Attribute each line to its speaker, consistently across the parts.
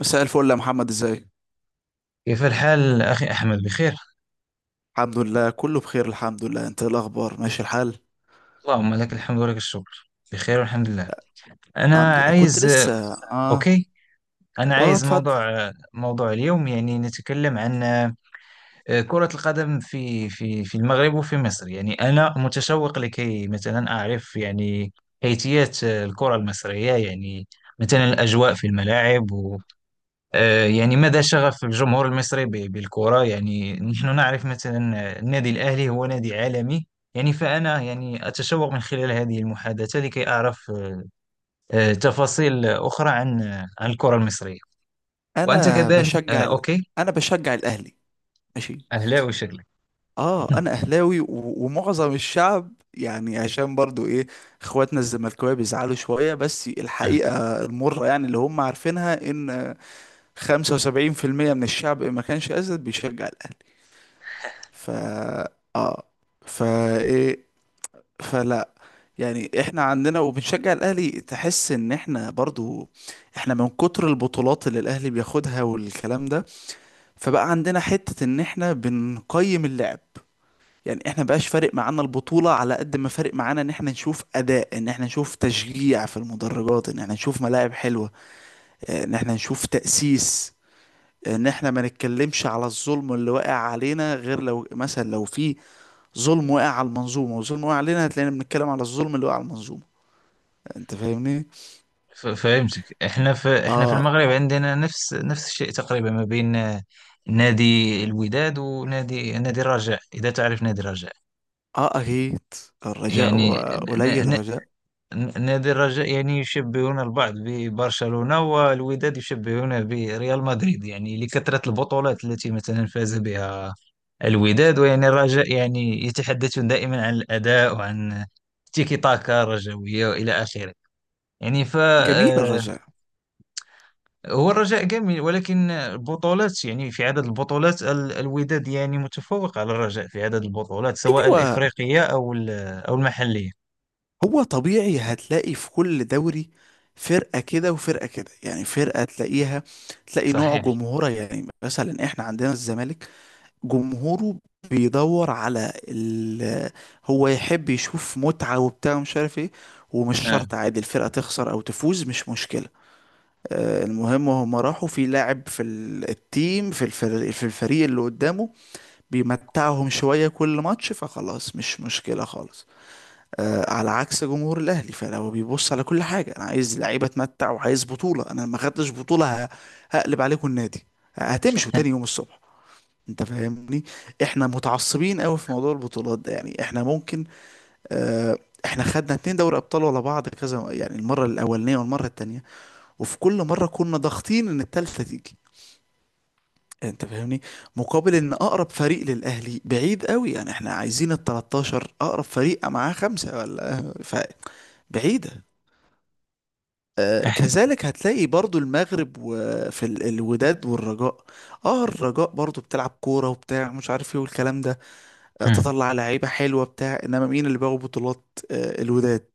Speaker 1: مساء الفل يا محمد، ازاي؟
Speaker 2: كيف الحال أخي أحمد، بخير؟
Speaker 1: الحمد لله، كله بخير، الحمد لله. انت ايه الاخبار، ماشي الحال؟
Speaker 2: اللهم لك الحمد ولك الشكر، بخير والحمد لله.
Speaker 1: الحمد
Speaker 2: أنا
Speaker 1: لله، كنت
Speaker 2: عايز
Speaker 1: لسه
Speaker 2: أوكي أنا
Speaker 1: اه
Speaker 2: عايز
Speaker 1: اتفضل.
Speaker 2: موضوع اليوم، يعني نتكلم عن كرة القدم في المغرب وفي مصر. يعني أنا متشوق لكي مثلا أعرف، يعني كيفية الكرة المصرية، يعني مثلا الأجواء في الملاعب. يعني مدى شغف الجمهور المصري بالكرة، يعني نحن نعرف مثلا النادي الأهلي هو نادي عالمي. يعني فأنا يعني أتشوق من خلال هذه المحادثة لكي أعرف تفاصيل أخرى عن عن الكرة المصرية. وأنت
Speaker 1: انا
Speaker 2: كذلك.
Speaker 1: بشجع
Speaker 2: أوكي.
Speaker 1: انا بشجع الاهلي. ماشي.
Speaker 2: أهلاوي شكلك.
Speaker 1: اه انا اهلاوي ومعظم الشعب، يعني عشان برضو ايه، اخواتنا الزملكاويه بيزعلوا شويه، بس
Speaker 2: آه،
Speaker 1: الحقيقه المره يعني اللي هم عارفينها ان 75% من الشعب، إن ما كانش اسد بيشجع الاهلي. ف اه فا فلا يعني احنا عندنا وبنشجع الاهلي، تحس ان احنا برضو، احنا من كتر البطولات اللي الاهلي بياخدها والكلام ده، فبقى عندنا حتة ان احنا بنقيم اللعب. يعني احنا بقاش فارق معانا البطولة على قد ما فارق معانا ان احنا نشوف اداء، ان احنا نشوف تشجيع في المدرجات، ان احنا نشوف ملاعب حلوة، ان احنا نشوف تأسيس، ان احنا ما نتكلمش على الظلم اللي واقع علينا غير لو مثلا لو في ظلم واقع على المنظومة وظلم واقع علينا، هتلاقينا بنتكلم على الظلم اللي واقع على المنظومة. انت فاهمني.
Speaker 2: فهمتك. إحنا في
Speaker 1: اه
Speaker 2: المغرب عندنا نفس الشيء تقريبا، ما بين نادي الوداد ونادي الرجاء، إذا تعرف نادي الرجاء.
Speaker 1: اه اهيت. الرجاء،
Speaker 2: يعني
Speaker 1: قليل الرجاء
Speaker 2: نادي الرجاء يعني يشبهون البعض ببرشلونة، والوداد يشبهونه بريال مدريد، يعني لكثرة البطولات التي مثلا فاز بها الوداد. ويعني الرجاء يعني يتحدثون دائما عن الأداء وعن تيكي تاكا رجوية وإلى آخره. يعني ف
Speaker 1: جميل.
Speaker 2: آه،
Speaker 1: الرجاء،
Speaker 2: هو الرجاء جميل، ولكن البطولات، يعني في عدد البطولات الوداد يعني متفوق على الرجاء في عدد البطولات، سواء
Speaker 1: ايوه.
Speaker 2: الإفريقية أو أو المحلية.
Speaker 1: هو طبيعي هتلاقي في كل دوري فرقة كده وفرقة كده. يعني فرقة تلاقيها، تلاقي نوع
Speaker 2: صحيح.
Speaker 1: جمهورها، يعني مثلا احنا عندنا الزمالك، جمهوره بيدور على هو يحب يشوف متعة وبتاع ومش عارف ايه، ومش
Speaker 2: آه.
Speaker 1: شرط عادي الفرقة تخسر او تفوز، مش مشكلة. المهم وهم راحوا في لاعب في التيم، في الفريق، في الفريق اللي قدامه بيمتعهم شوية كل ماتش، فخلاص مش مشكلة خالص. على عكس جمهور الأهلي، فلو بيبص على كل حاجة: أنا عايز لعيبة أتمتع، وعايز بطولة، أنا ما خدتش بطولة، هقلب عليكم النادي، هتمشوا تاني يوم الصبح. انت فاهمني. احنا متعصبين قوي في موضوع البطولات ده، يعني احنا ممكن اه احنا خدنا اتنين دوري ابطال ورا بعض كذا، يعني المره الاولانيه والمره التانيه، وفي كل مرة كنا ضاغطين ان التالتة تيجي. انت فاهمني. مقابل ان اقرب فريق للاهلي بعيد قوي، يعني احنا عايزين ال 13، اقرب فريق معاه خمسة ولا، فبعيدة. كذلك هتلاقي برضو المغرب وفي الوداد والرجاء. اه الرجاء برضو بتلعب كورة وبتاع مش عارف ايه والكلام ده.
Speaker 2: إحنا-
Speaker 1: تطلع لعيبة حلوة بتاع، انما مين اللي بياخد بطولات؟ الوداد.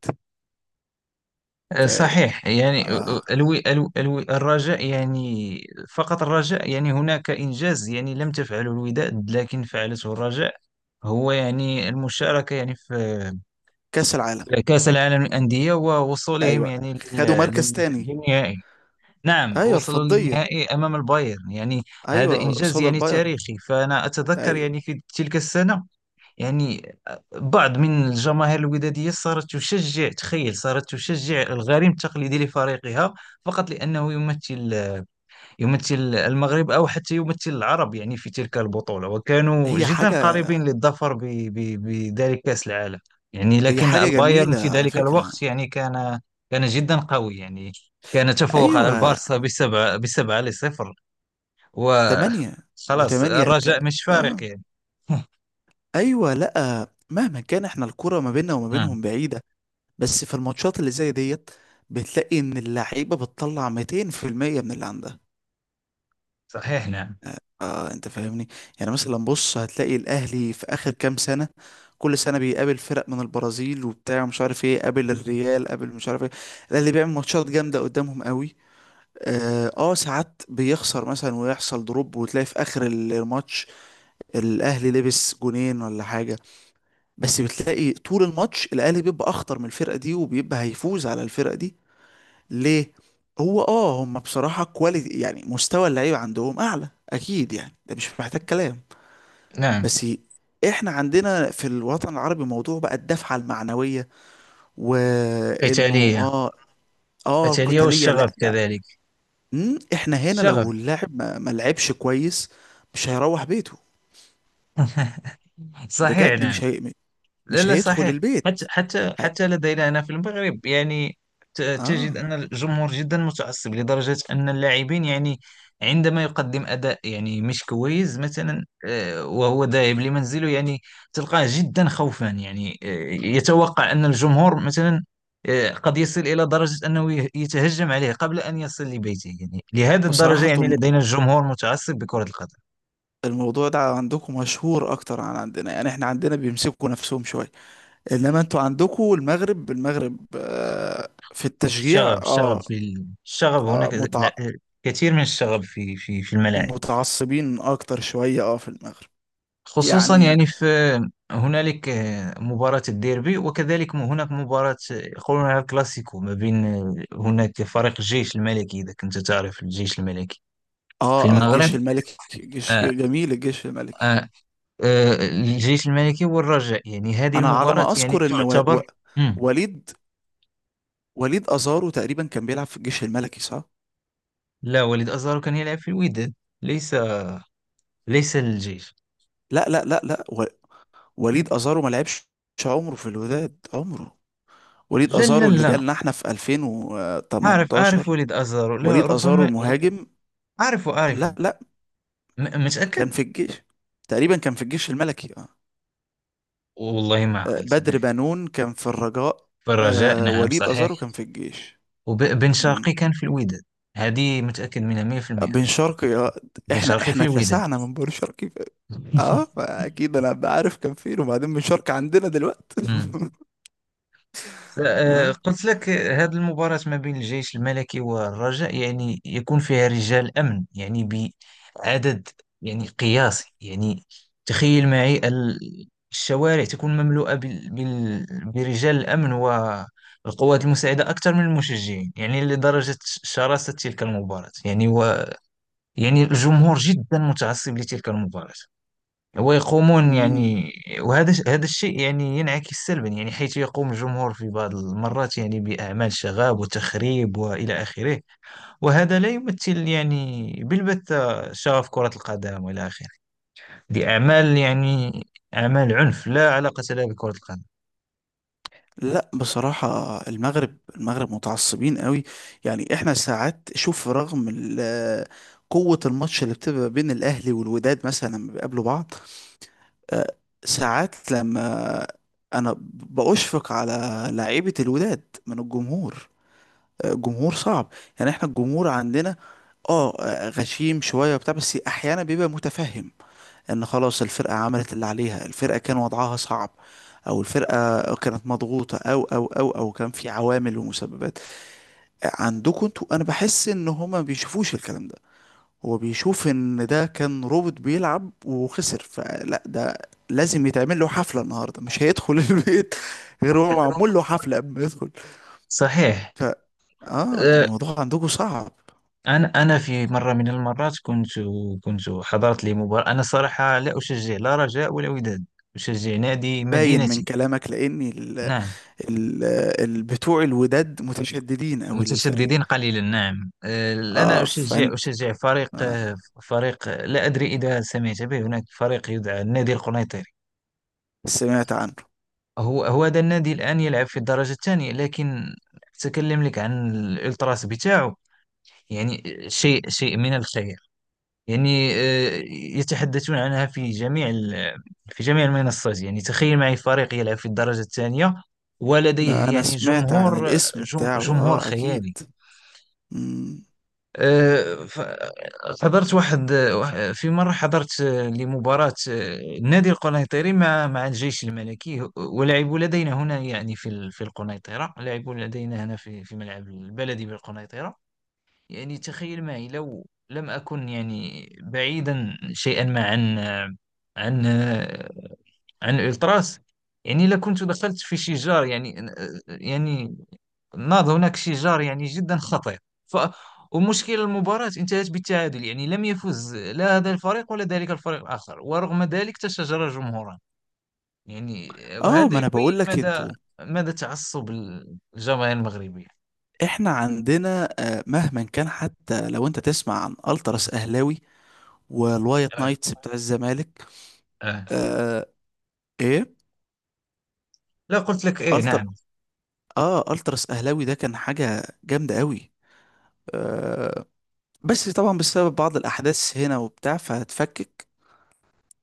Speaker 1: ف
Speaker 2: صحيح، يعني
Speaker 1: آه،
Speaker 2: الو الو الو الرجاء يعني فقط الرجاء، يعني هناك إنجاز يعني لم تفعله الوداد لكن فعلته الرجاء. هو يعني المشاركة يعني في
Speaker 1: كأس العالم.
Speaker 2: كأس العالم للأندية، ووصولهم
Speaker 1: ايوه،
Speaker 2: يعني
Speaker 1: خدوا مركز تاني.
Speaker 2: للنهائي. نعم،
Speaker 1: ايوه،
Speaker 2: وصلوا
Speaker 1: الفضية.
Speaker 2: للنهائي أمام البايرن، يعني هذا
Speaker 1: ايوه،
Speaker 2: إنجاز
Speaker 1: قصاد
Speaker 2: يعني
Speaker 1: البايرن.
Speaker 2: تاريخي. فأنا أتذكر
Speaker 1: ايوه.
Speaker 2: يعني في تلك السنة، يعني بعض من الجماهير الودادية صارت تشجع، تخيل، صارت تشجع الغريم التقليدي لفريقها فقط لأنه يمثل، يمثل المغرب أو حتى يمثل العرب يعني في تلك البطولة، وكانوا
Speaker 1: هي
Speaker 2: جدا
Speaker 1: حاجة،
Speaker 2: قريبين للظفر بذلك كأس العالم. يعني
Speaker 1: هي
Speaker 2: لكن
Speaker 1: حاجة
Speaker 2: البايرن
Speaker 1: جميلة
Speaker 2: في
Speaker 1: على
Speaker 2: ذلك
Speaker 1: فكرة.
Speaker 2: الوقت يعني كان، كان جدا قوي، يعني كان تفوق على
Speaker 1: ايوه،
Speaker 2: البارسا بسبعة لصفر.
Speaker 1: تمانية.
Speaker 2: وخلاص
Speaker 1: وتمانية ت...
Speaker 2: الرجاء مش فارق
Speaker 1: اه
Speaker 2: يعني.
Speaker 1: ايوه، لا مهما كان احنا الكرة ما بيننا وما
Speaker 2: نعم،
Speaker 1: بينهم بعيدة. بس في الماتشات اللي زي ديت، بتلاقي ان اللعيبة بتطلع 200% من اللي عندها.
Speaker 2: صحيح، نعم.
Speaker 1: اه انت فاهمني. يعني مثلا بص، هتلاقي الاهلي في اخر كام سنة كل سنة بيقابل فرق من البرازيل وبتاع مش عارف ايه، قابل الريال، قابل مش عارف ايه، الاهلي بيعمل ماتشات جامدة قدامهم قوي. ساعات بيخسر مثلا ويحصل دروب، وتلاقي في اخر الماتش الاهلي لبس جونين ولا حاجه. بس بتلاقي طول الماتش الاهلي بيبقى اخطر من الفرقه دي، وبيبقى هيفوز على الفرقه دي. ليه؟ هو اه هم بصراحه كواليتي، يعني مستوى اللعيبه عندهم اعلى اكيد، يعني ده مش محتاج كلام.
Speaker 2: نعم.
Speaker 1: بس احنا عندنا في الوطن العربي موضوع بقى الدفعه المعنويه، وانه
Speaker 2: قتالية.
Speaker 1: اه
Speaker 2: قتالية
Speaker 1: القتاليه،
Speaker 2: والشغف
Speaker 1: لا ده.
Speaker 2: كذلك.
Speaker 1: احنا هنا
Speaker 2: الشغف.
Speaker 1: لو اللاعب ما لعبش كويس، مش هيروح بيته.
Speaker 2: صحيح،
Speaker 1: بجد
Speaker 2: نعم. لا،
Speaker 1: مش
Speaker 2: لا،
Speaker 1: هيدخل
Speaker 2: صحيح.
Speaker 1: البيت.
Speaker 2: حتى حتى
Speaker 1: هي...
Speaker 2: حتى لدينا هنا في المغرب، يعني
Speaker 1: اه
Speaker 2: تجد أن الجمهور جدا متعصب لدرجة أن اللاعبين، يعني عندما يقدم أداء يعني مش كويس مثلا، وهو ذاهب لمنزله، يعني تلقاه جدا خوفا، يعني يتوقع أن الجمهور مثلا قد يصل إلى درجة أنه يتهجم عليه قبل أن يصل لبيته، يعني لهذه الدرجة
Speaker 1: بصراحة انتوا
Speaker 2: يعني لدينا الجمهور متعصب بكرة القدم.
Speaker 1: الموضوع ده عندكم مشهور اكتر عن عندنا. يعني احنا عندنا بيمسكوا نفسهم شوية، انما انتوا عندكم المغرب، المغرب في التشجيع. اه,
Speaker 2: الشغب
Speaker 1: آه
Speaker 2: هناك.
Speaker 1: متع...
Speaker 2: كثير من الشغب في الملاعب،
Speaker 1: متعصبين اكتر شوية اه في المغرب.
Speaker 2: خصوصا
Speaker 1: يعني
Speaker 2: يعني في هنالك مباراة الديربي، وكذلك هناك مباراة يقولونها كلاسيكو، ما بين هناك فريق الجيش الملكي، إذا كنت تعرف الجيش الملكي في المغرب.
Speaker 1: جيش الملكي، جيش
Speaker 2: آه
Speaker 1: جميل الجيش الملكي.
Speaker 2: آه الجيش الملكي والرجاء، يعني هذه
Speaker 1: انا على
Speaker 2: المباراة
Speaker 1: ما
Speaker 2: يعني
Speaker 1: اذكر ان
Speaker 2: تعتبر. مم.
Speaker 1: وليد وليد ازارو تقريبا كان بيلعب في الجيش الملكي، صح؟
Speaker 2: لا، وليد أزارو كان يلعب في الوداد، ليس، ليس الجيش.
Speaker 1: لا لا لا لا وليد ازارو ما لعبش عمره في الوداد، عمره. وليد
Speaker 2: لا، لا،
Speaker 1: ازارو اللي
Speaker 2: لا.
Speaker 1: جالنا احنا في
Speaker 2: أعرف
Speaker 1: 2018.
Speaker 2: ولد أزهر. لا،
Speaker 1: وليد ازارو
Speaker 2: ربما.
Speaker 1: المهاجم.
Speaker 2: أعرفه.
Speaker 1: لا لا، كان
Speaker 2: متأكد.
Speaker 1: في الجيش، تقريبا كان في الجيش الملكي.
Speaker 2: والله ما عقلت أنا.
Speaker 1: بدر بنون كان في الرجاء.
Speaker 2: فالرجاء،
Speaker 1: آه،
Speaker 2: نعم،
Speaker 1: وليد ازارو
Speaker 2: صحيح.
Speaker 1: كان في الجيش.
Speaker 2: وبن
Speaker 1: مم.
Speaker 2: شرقي كان في الوداد. هذه متأكد منها 100%.
Speaker 1: بن شرقي،
Speaker 2: بن
Speaker 1: احنا
Speaker 2: شرقي
Speaker 1: احنا
Speaker 2: في الوداد.
Speaker 1: اتلسعنا من بن شرقي. فاكيد انا بعرف كان فين، وبعدين بن شرقي عندنا دلوقتي. اه.
Speaker 2: قلت لك هذه المباراة ما بين الجيش الملكي والرجاء يعني يكون فيها رجال أمن، يعني بعدد يعني قياسي، يعني تخيل معي الشوارع تكون مملوءة برجال الأمن والقوات المساعدة، أكثر من المشجعين، يعني لدرجة شراسة تلك المباراة، يعني و يعني الجمهور جدا متعصب لتلك المباراة ويقومون
Speaker 1: مم.
Speaker 2: يعني. وهذا هذا الشيء يعني ينعكس سلبا، يعني حيث يقوم الجمهور في بعض المرات يعني بأعمال شغاب وتخريب وإلى آخره. وهذا لا يمثل يعني بالبتة شغف كرة القدم وإلى آخره. دي أعمال يعني أعمال عنف لا علاقة لها بكرة القدم.
Speaker 1: لا بصراحة، المغرب، المغرب متعصبين قوي. يعني احنا ساعات شوف رغم قوة الماتش اللي بتبقى بين الأهلي والوداد مثلا لما بيقابلوا بعض، آه، ساعات لما أنا بأشفق على لعيبة الوداد من الجمهور. جمهور صعب. يعني احنا الجمهور عندنا غشيم شوية وبتاع، بس أحيانا بيبقى متفهم ان خلاص الفرقة عملت اللي عليها، الفرقة كان وضعها صعب، او الفرقة كانت مضغوطة، او كان في عوامل ومسببات. عندكم انتوا انا بحس ان هما ما بيشوفوش الكلام ده، هو بيشوف ان ده كان روبوت بيلعب وخسر، فلا ده لازم يتعمل له حفلة النهاردة، مش هيدخل البيت، غير هو معمول له حفلة قبل ما يدخل.
Speaker 2: صحيح.
Speaker 1: ف اه
Speaker 2: أه،
Speaker 1: الموضوع عندكم صعب.
Speaker 2: أنا، أنا في مرة من المرات كنت، كنت حضرت لمباراة. أنا صراحة لا أشجع لا رجاء ولا وداد، أشجع نادي
Speaker 1: باين من
Speaker 2: مدينتي.
Speaker 1: كلامك، لاني
Speaker 2: نعم.
Speaker 1: ال بتوع الوداد متشددين قوي للفريق.
Speaker 2: متشددين قليلا، نعم. أنا
Speaker 1: اه
Speaker 2: أشجع،
Speaker 1: فانت
Speaker 2: أشجع فريق،
Speaker 1: آه
Speaker 2: فريق، لا أدري إذا سمعت به، هناك فريق يدعى النادي القنيطري.
Speaker 1: سمعت عنه.
Speaker 2: هو هذا النادي الآن يلعب في الدرجة الثانية، لكن أتكلم لك عن الإلتراس بتاعه. يعني شيء، شيء من الخير، يعني يتحدثون عنها في جميع في جميع المنصات. يعني تخيل معي فريق يلعب في الدرجة الثانية
Speaker 1: ما
Speaker 2: ولديه
Speaker 1: انا
Speaker 2: يعني
Speaker 1: سمعت عن
Speaker 2: جمهور،
Speaker 1: الاسم بتاعه،
Speaker 2: جمهور
Speaker 1: اه اكيد.
Speaker 2: خيالي.
Speaker 1: مم.
Speaker 2: آه، ف- حضرت في مرة حضرت لمباراة النادي القنيطري مع الجيش الملكي، ولعبوا لدينا هنا، يعني في في القنيطرة، لعبوا لدينا هنا في ملعب البلدي بالقنيطرة. يعني تخيل معي لو لم أكن يعني بعيدا شيئا ما عن عن عن الألتراس، يعني لكنت دخلت في شجار، يعني، يعني ناض هناك شيء يعني جدا خطير. ف ومشكل، المباراة انتهت بالتعادل، يعني لم يفز لا هذا الفريق ولا ذلك الفريق الآخر، ورغم ذلك تشاجر جمهوران. يعني
Speaker 1: اه
Speaker 2: وهذا
Speaker 1: ما انا بقول
Speaker 2: يبين
Speaker 1: لك
Speaker 2: مدى،
Speaker 1: انتوا،
Speaker 2: مدى تعصب الجماهير المغربية.
Speaker 1: احنا عندنا مهما كان حتى لو انت تسمع عن التراس اهلاوي والوايت
Speaker 2: آه.
Speaker 1: نايتس بتاع الزمالك.
Speaker 2: آه.
Speaker 1: آه ايه
Speaker 2: لا، قلت لك، ايه، نعم.
Speaker 1: التر اه التراس اهلاوي ده كان حاجة جامدة قوي. آه بس طبعا بسبب بعض الاحداث هنا وبتاع فهتفكك.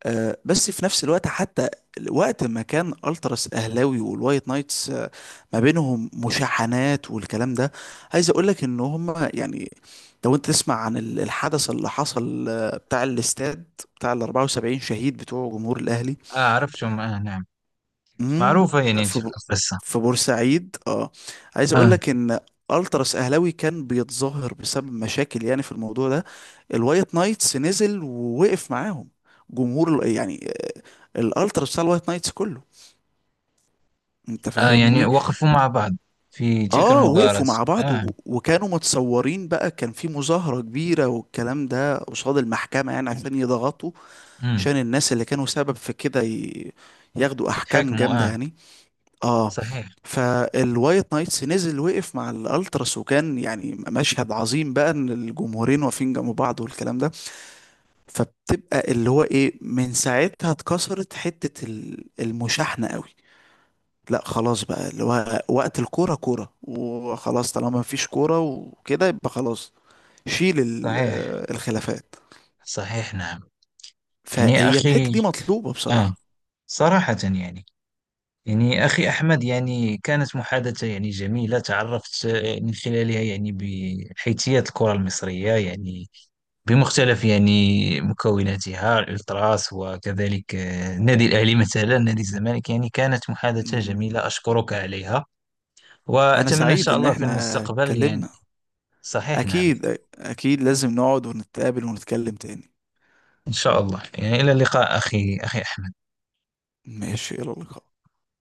Speaker 1: بس في نفس الوقت حتى وقت ما كان التراس اهلاوي والوايت نايتس، ما بينهم مشاحنات والكلام ده، عايز اقول لك ان هم يعني لو انت تسمع عن الحدث اللي حصل بتاع الاستاد بتاع ال 74 شهيد بتوع جمهور الاهلي.
Speaker 2: آه، عرفتهم، آه، نعم.
Speaker 1: امم
Speaker 2: معروفة يعني
Speaker 1: في
Speaker 2: تلك
Speaker 1: ب...
Speaker 2: القصة.
Speaker 1: في بورسعيد اه. عايز اقول
Speaker 2: آه.
Speaker 1: لك ان التراس اهلاوي كان بيتظاهر بسبب مشاكل يعني في الموضوع ده، الوايت نايتس نزل ووقف معاهم. جمهور يعني الالتراس بتاع الوايت نايتس كله. انت
Speaker 2: آه، يعني
Speaker 1: فاهمني.
Speaker 2: وقفوا مع بعض في تلك
Speaker 1: اه
Speaker 2: المباراة.
Speaker 1: وقفوا مع بعض
Speaker 2: آه.
Speaker 1: وكانوا متصورين بقى، كان في مظاهرة كبيرة والكلام ده قصاد المحكمة، يعني عشان يضغطوا
Speaker 2: مم.
Speaker 1: عشان الناس اللي كانوا سبب في كده ياخدوا احكام
Speaker 2: يتحاكموا،
Speaker 1: جامدة
Speaker 2: آه.
Speaker 1: يعني. اه
Speaker 2: صحيح.
Speaker 1: فالوايت نايتس نزل وقف مع الالتراس، وكان يعني مشهد عظيم بقى ان الجمهورين واقفين جنب بعض والكلام ده. فبتبقى اللي هو ايه، من ساعتها اتكسرت حتة المشاحنة قوي. لا خلاص بقى اللي هو وقت الكورة كورة وخلاص، طالما مفيش كورة وكده يبقى خلاص، شيل
Speaker 2: صحيح،
Speaker 1: الخلافات.
Speaker 2: صحيح، نعم. يعني يا
Speaker 1: فهي الحتة
Speaker 2: أخي،
Speaker 1: دي مطلوبة
Speaker 2: آه،
Speaker 1: بصراحة.
Speaker 2: صراحة يعني، يعني أخي أحمد يعني كانت محادثة يعني جميلة. تعرفت من خلالها يعني بحيثيات الكرة المصرية، يعني بمختلف يعني مكوناتها، الألتراس، وكذلك النادي الأهلي، مثلا نادي الزمالك. يعني كانت محادثة
Speaker 1: مم.
Speaker 2: جميلة أشكرك عليها،
Speaker 1: انا
Speaker 2: وأتمنى إن
Speaker 1: سعيد
Speaker 2: شاء
Speaker 1: ان
Speaker 2: الله في
Speaker 1: احنا
Speaker 2: المستقبل يعني.
Speaker 1: اتكلمنا.
Speaker 2: صحيح، نعم.
Speaker 1: أكيد، أكيد لازم نقعد ونتقابل ونتكلم تاني.
Speaker 2: إن شاء الله يعني. إلى اللقاء أخي، أخي أحمد.
Speaker 1: ماشي، يلا لقاء.